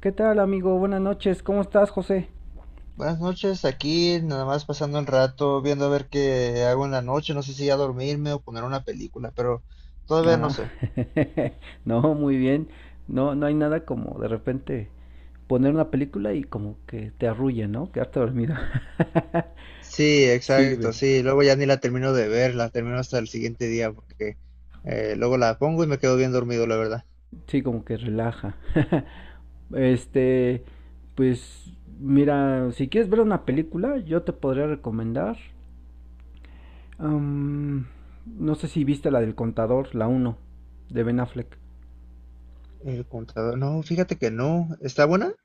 ¿Qué tal, amigo? Buenas noches. ¿Cómo estás, José? Buenas noches, aquí nada más pasando el rato, viendo a ver qué hago en la noche, no sé si ya dormirme o poner una película, pero todavía no Ah, sé. no, muy bien. No, no hay nada como de repente poner una película y como que te arrulla, ¿no? Quedarte dormido. Sí, exacto, Sirve. sí. Luego ya ni la termino de ver, la termino hasta el siguiente día porque luego la pongo y me quedo bien dormido, la verdad. Sí, como que relaja. Este, pues mira, si quieres ver una película, yo te podría recomendar. am, no sé si viste la del contador, la uno de Ben Affleck. El contador, no, fíjate que no. ¿Está buena?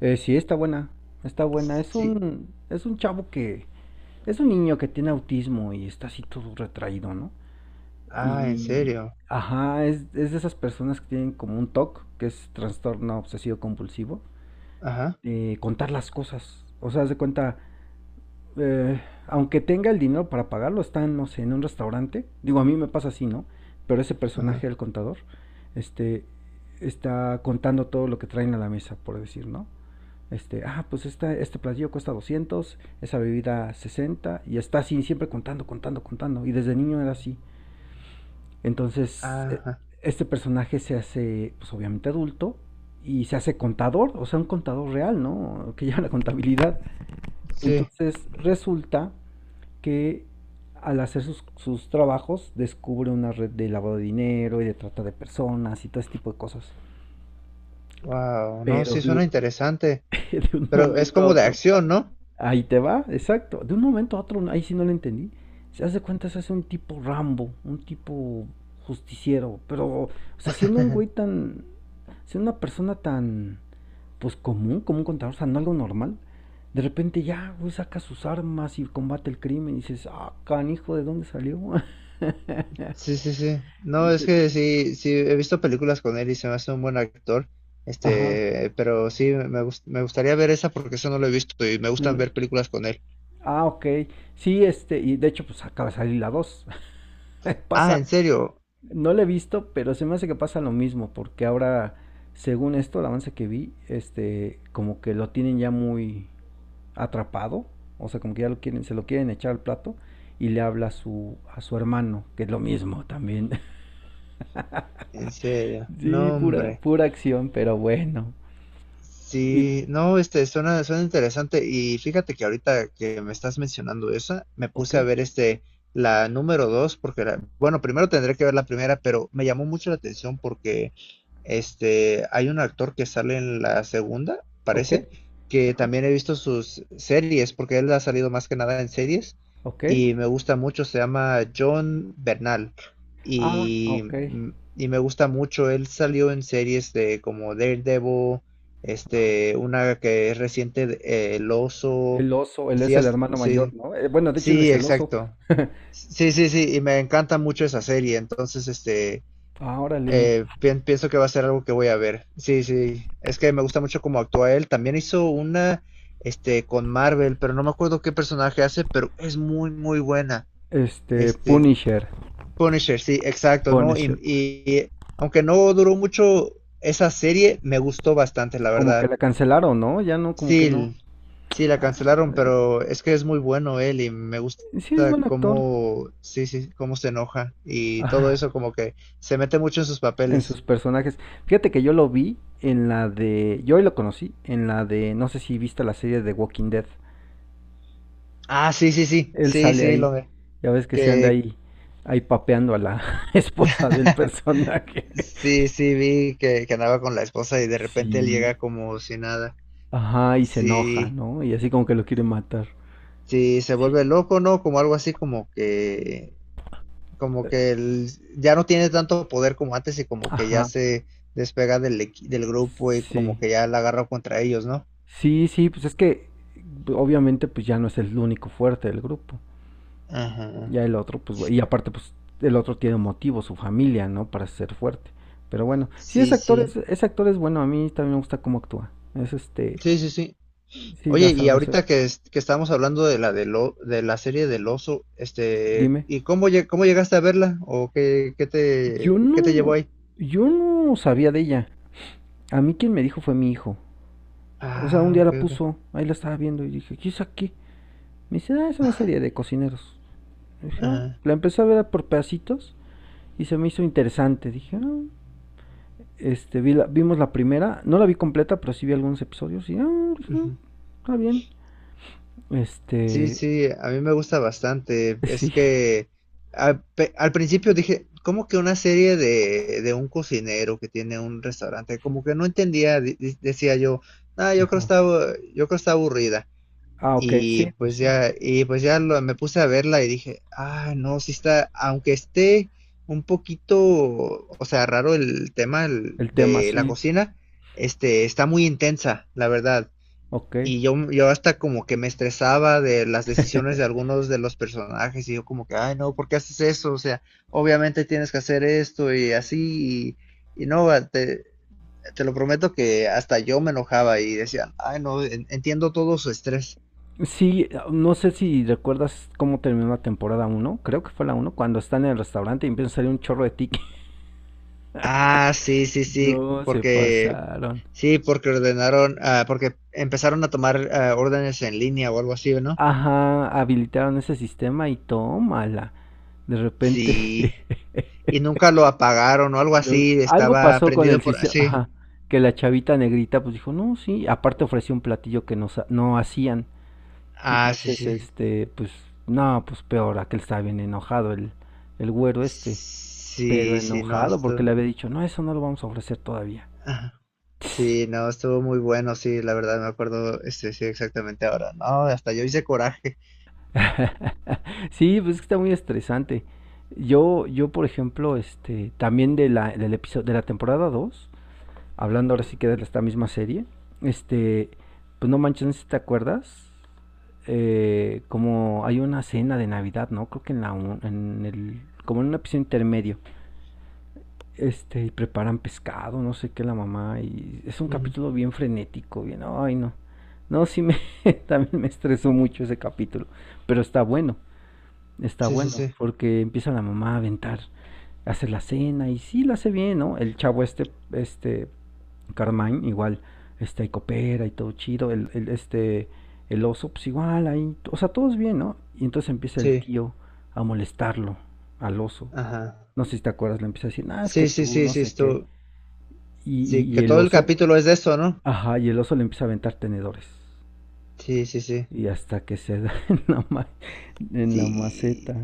Sí, está buena. Está buena. Sí. Es un niño que tiene autismo y está así todo retraído, ¿no? Ah, en Y, serio. ajá, es de esas personas que tienen como un TOC, que es trastorno obsesivo compulsivo, Ajá, de contar las cosas. O sea, haz de cuenta, eh, aunque tenga el dinero para pagarlo, está, no sé, en un restaurante. Digo, a mí me pasa así, ¿no? Pero ese ajá, personaje, el contador, este, está contando todo lo que traen a la mesa, por decir, ¿no? Este platillo cuesta 200, esa bebida 60, y está así, siempre contando, contando, contando. Y desde niño era así. Entonces, ajá. este personaje se hace, pues obviamente adulto, y se hace contador, o sea, un contador real, ¿no? Que lleva la contabilidad. Sí. Entonces, resulta que al hacer sus trabajos, descubre una red de lavado de dinero y de trata de personas y todo ese tipo de cosas. Wow, no, Pero sí de, suena interesante, de un pero es momento a como de otro, acción, ¿no? ahí te va, exacto. De un momento a otro, ahí sí no lo entendí. Se hace un tipo Rambo, un tipo justiciero, pero, o sea, siendo una persona tan, pues común, como un contador, o sea, no algo normal. De repente ya, güey, saca sus armas y combate el crimen y dices, ah, canijo, ¿de dónde salió? Sí, sí, sí. No, es Entonces. que sí, sí, he visto películas con él y se me hace un buen actor. Ajá. Pero sí, me gustaría ver esa porque eso no lo he visto y me no gustan la- ver películas con él. Ah, ok. Sí, y de hecho, pues acaba de salir la 2. Ah, Pasa. en serio, No la he visto, pero se me hace que pasa lo mismo, porque ahora, según esto, el avance que vi, como que lo tienen ya muy atrapado, o sea, como que ya lo quieren, se lo quieren echar al plato y le habla a su, hermano, que es lo mismo también. en serio. Sí, No, pura, hombre. pura acción, pero bueno. Y, Sí, no, suena, suena interesante. Y fíjate que ahorita que me estás mencionando esa, me ok, puse a ver la número dos, porque bueno, primero tendré que ver la primera, pero me llamó mucho la atención porque hay un actor que sale en la segunda, ok, parece, que ajá, también he visto sus series, porque él ha salido más que nada en series, ok, y me gusta mucho, se llama John Bernal. ah, Y, ok. Y me gusta mucho, él salió en series de como Daredevil, una que es reciente, El Oso. El oso, él es el hermano mayor, Sí, ¿no? Bueno, de hecho él es sí, el oso. exacto. Sí, sí, sí, y me encanta mucho esa serie, entonces, Ah, órale. Pienso que va a ser algo que voy a ver. Sí, sí, es que me gusta mucho cómo actúa él. También hizo una, con Marvel, pero no me acuerdo qué personaje hace, pero es muy, muy buena. Este, Punisher. Punisher, sí, exacto, ¿no? Punisher. Y aunque no duró mucho esa serie, me gustó bastante, la Como que verdad. la cancelaron, ¿no? Ya no, como que no. Sí, sí, la Ah, cancelaron, pero es que es muy bueno él y me gusta sí, es buen actor. cómo, sí, sí, cómo se enoja y todo Ah, eso como que se mete mucho en sus en papeles. sus personajes. Fíjate que yo lo vi en la de. Yo hoy lo conocí en la de. No sé si viste la serie de Walking Dead. Ah, sí, sí, sí, Él sí, sale sí, ahí. Ya ves que se anda que ahí. Ahí papeando a la esposa del personaje. sí, sí, vi que andaba con la esposa y de repente él Sí. llega como si nada. Ajá, y se enoja, Sí, ¿no? Y así como que lo quiere matar. sí, se vuelve Sí. loco, ¿no? Como algo así como que como que el- ya no tiene tanto poder como antes y como que ya Ajá. se despega del grupo y Sí. como que ya la agarra contra ellos, ¿no? Sí, sí, pues es que obviamente pues ya no es el único fuerte del grupo. Ajá. Ya el otro, pues, y aparte, pues el otro tiene un motivo, su familia, ¿no? Para ser fuerte. Pero bueno, sí, Sí, sí. ese actor es bueno, a mí también me gusta cómo actúa. Sí, sí, sí. Sí la Oye, y sabe hacer. ahorita que, que estábamos hablando de de la serie del oso, Dime. ¿y cómo, cómo llegaste a verla? ¿O qué, Yo qué te llevó no, ahí? yo no sabía de ella. A mí quien me dijo fue mi hijo. O sea, un Ah, día ok, la ok. puso, ahí la estaba viendo y dije, ¿qué es aquí? Me dice, ah, es una serie de cocineros. Y dije, "Ah". Ajá. La empecé a ver por pedacitos y se me hizo interesante. Dije, ah, vimos la primera. No la vi completa, pero sí vi algunos episodios. Y, ah, pues, ah, Ujú. está bien. Sí, Este, sí, a mí me gusta bastante. Es sí. que al principio dije, ¿cómo que una serie de un cocinero que tiene un restaurante? Como que no entendía, decía yo, ah, yo creo Ajá. está, yo creo está aburrida. Ah, ok, sí, pues sí. Me puse a verla y dije, ah, no, sí está, aunque esté un poquito, o sea, raro el tema El tema, de la sí. cocina, está muy intensa, la verdad. Ok. Yo hasta como que me estresaba de las decisiones de algunos de los personajes y yo como que, ay, no, ¿por qué haces eso? O sea, obviamente tienes que hacer esto y así y no, va, te lo prometo que hasta yo me enojaba y decía, ay, no, entiendo todo su estrés. Sí, no sé si recuerdas cómo terminó la temporada uno. Creo que fue la uno. Cuando están en el restaurante y empieza a salir un chorro de tickets. Ah, sí, sí, No, se pasaron. sí, porque ordenaron, ah, porque empezaron a tomar órdenes en línea o algo así, ¿no? Ajá, habilitaron ese sistema y tómala. De repente. Sí, y nunca lo apagaron o algo Lo- así, algo estaba pasó con el prendido por, sistema, sí, ajá, que la chavita negrita pues dijo, no, sí, aparte ofreció un platillo que no, sa- no hacían. ah, sí, Entonces, sí. Pues, no, pues peor, aquel estaba bien enojado, el, güero este, pero Sí, sí, no, enojado esto, porque le había dicho, no, eso no lo vamos a ofrecer todavía. ajá. Sí, no, estuvo muy bueno, sí, la verdad me acuerdo, sí, exactamente ahora, no, hasta yo hice coraje. Sí, pues es que está muy estresante. Yo, por ejemplo, también del episodio, de la temporada 2 hablando ahora sí que de esta misma serie, este, pues no manches, no sé si te acuerdas, como hay una cena de Navidad, ¿no? Creo que en el como en un episodio intermedio. Y preparan pescado, no sé qué la mamá, y es un Ujú. capítulo bien frenético, bien, ay no. No, sí me también me estresó mucho ese capítulo, pero está bueno. Está Sí, sí, bueno sí, porque empieza la mamá a aventar, hace la cena y sí la hace bien, ¿no? El chavo este Carmine, igual, ahí coopera y todo chido, el oso, pues igual, ahí, o sea, todos bien, ¿no? Y entonces empieza el sí, tío a molestarlo al oso. ajá. No sé si te acuerdas, le empieza a decir, ah, es que Sí, sí, tú, sí, no sí, sé qué. esto, Y, sí, y, que y el todo el oso, capítulo es de eso, ¿no? ajá, y el oso le empieza a aventar tenedores. Sí, sí, sí, Y hasta que se da en la maceta. sí.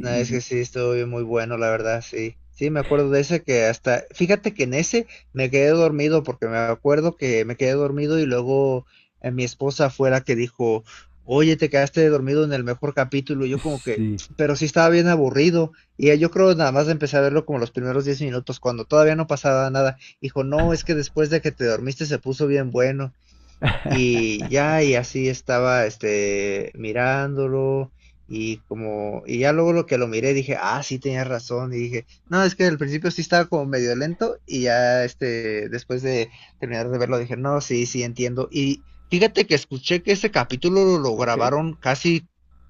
No, es que sí, estuvo bien muy bueno, la verdad, sí. Sí, me acuerdo de ese que hasta, fíjate que en ese me quedé dormido porque me acuerdo que me quedé dormido y luego mi esposa fue la que dijo, oye, te quedaste dormido en el mejor capítulo. Y y, yo como que, sí. pero sí estaba bien aburrido. Y yo creo nada más empecé a verlo como los primeros 10 minutos, cuando todavía no pasaba nada. Dijo, no, es que después de que te dormiste se puso bien bueno. Y ya, y así estaba, mirándolo, y como, y ya luego lo que lo miré dije, ah, sí tenía razón, y dije, no, es que al principio sí estaba como medio lento, y ya, después de terminar de verlo dije, no, sí, sí entiendo. Y fíjate que escuché que ese capítulo lo Ok. grabaron casi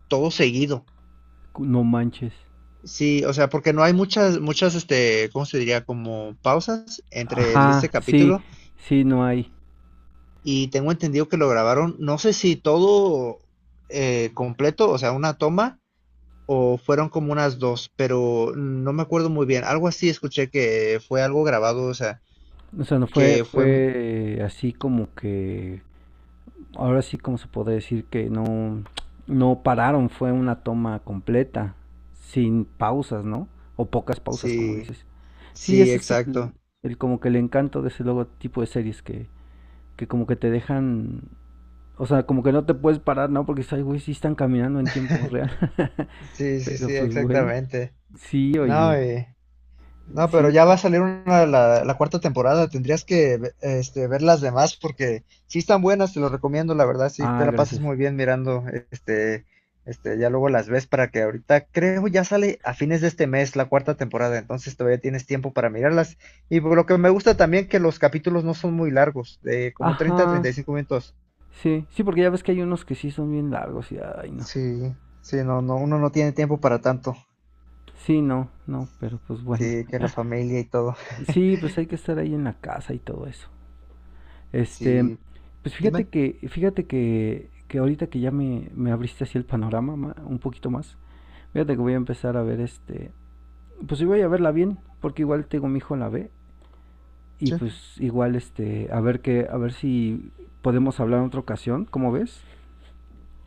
todo seguido. No manches. Sí, o sea, porque no hay muchas, muchas, ¿cómo se diría? Como pausas entre este Ajá, sí, capítulo. sí, no hay. Y tengo entendido que lo grabaron, no sé si todo completo, o sea, una toma, o fueron como unas dos, pero no me acuerdo muy bien. Algo así escuché que fue algo grabado, o sea, O sea, no fue, que fue así como que, ahora sí como se podría decir que no, no pararon, fue una toma completa, sin pausas, ¿no? O pocas pausas, como sí, dices. Sí, sí, ese es el, exacto. el como que el encanto de ese logotipo de series, que como que te dejan, o sea, como que no te puedes parar, ¿no? Porque dices, ay, güey, sí están caminando en tiempo real. Sí, sí, Pero sí, pues bueno, exactamente. sí, oye, No, y... No, pero sí, ya va a salir una, la cuarta temporada. Este, ver las demás porque sí están buenas, te lo recomiendo, la verdad, sí te ah, la pasas gracias. muy bien mirando, este, ya luego las ves para que ahorita creo ya sale a fines de este mes la cuarta temporada, entonces todavía tienes tiempo para mirarlas. Y por lo que me gusta también que los capítulos no son muy largos, de como 30 a treinta Ajá, y cinco minutos. sí, sí, porque ya ves que hay unos que sí son bien largos y ay, no. Sí, sí, no, no, uno no tiene tiempo para tanto. Sí, no, no, pero pues bueno. Sí, que la familia y todo. Sí, pues hay que estar ahí en la casa y todo eso. Este, Sí, pues fíjate dime. que, fíjate que, que ahorita que ya me abriste así el panorama un poquito más, fíjate que voy a empezar a ver pues sí voy a verla bien, porque igual tengo mi hijo la ve, y Sí, pues igual a ver que, a ver si podemos hablar en otra ocasión, ¿cómo ves?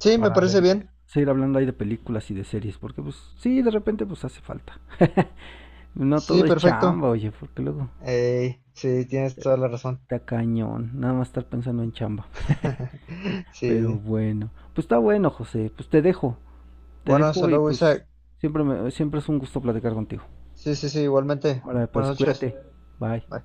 sí, me Para parece ver que bien. seguir hablando ahí de películas y de series, porque pues sí, de repente pues hace falta. No todo Sí, es perfecto. chamba, oye, porque luego Ey, sí, tienes te- toda la razón. está cañón, nada más estar pensando en chamba. Pero Sí. bueno, pues está bueno, José, pues te Bueno, hasta dejo y luego, pues Isaac. Siempre es un gusto platicar contigo. Sí, sí, sí, igualmente. Ahora, Buenas pues noches. cuídate. Bye. Bye.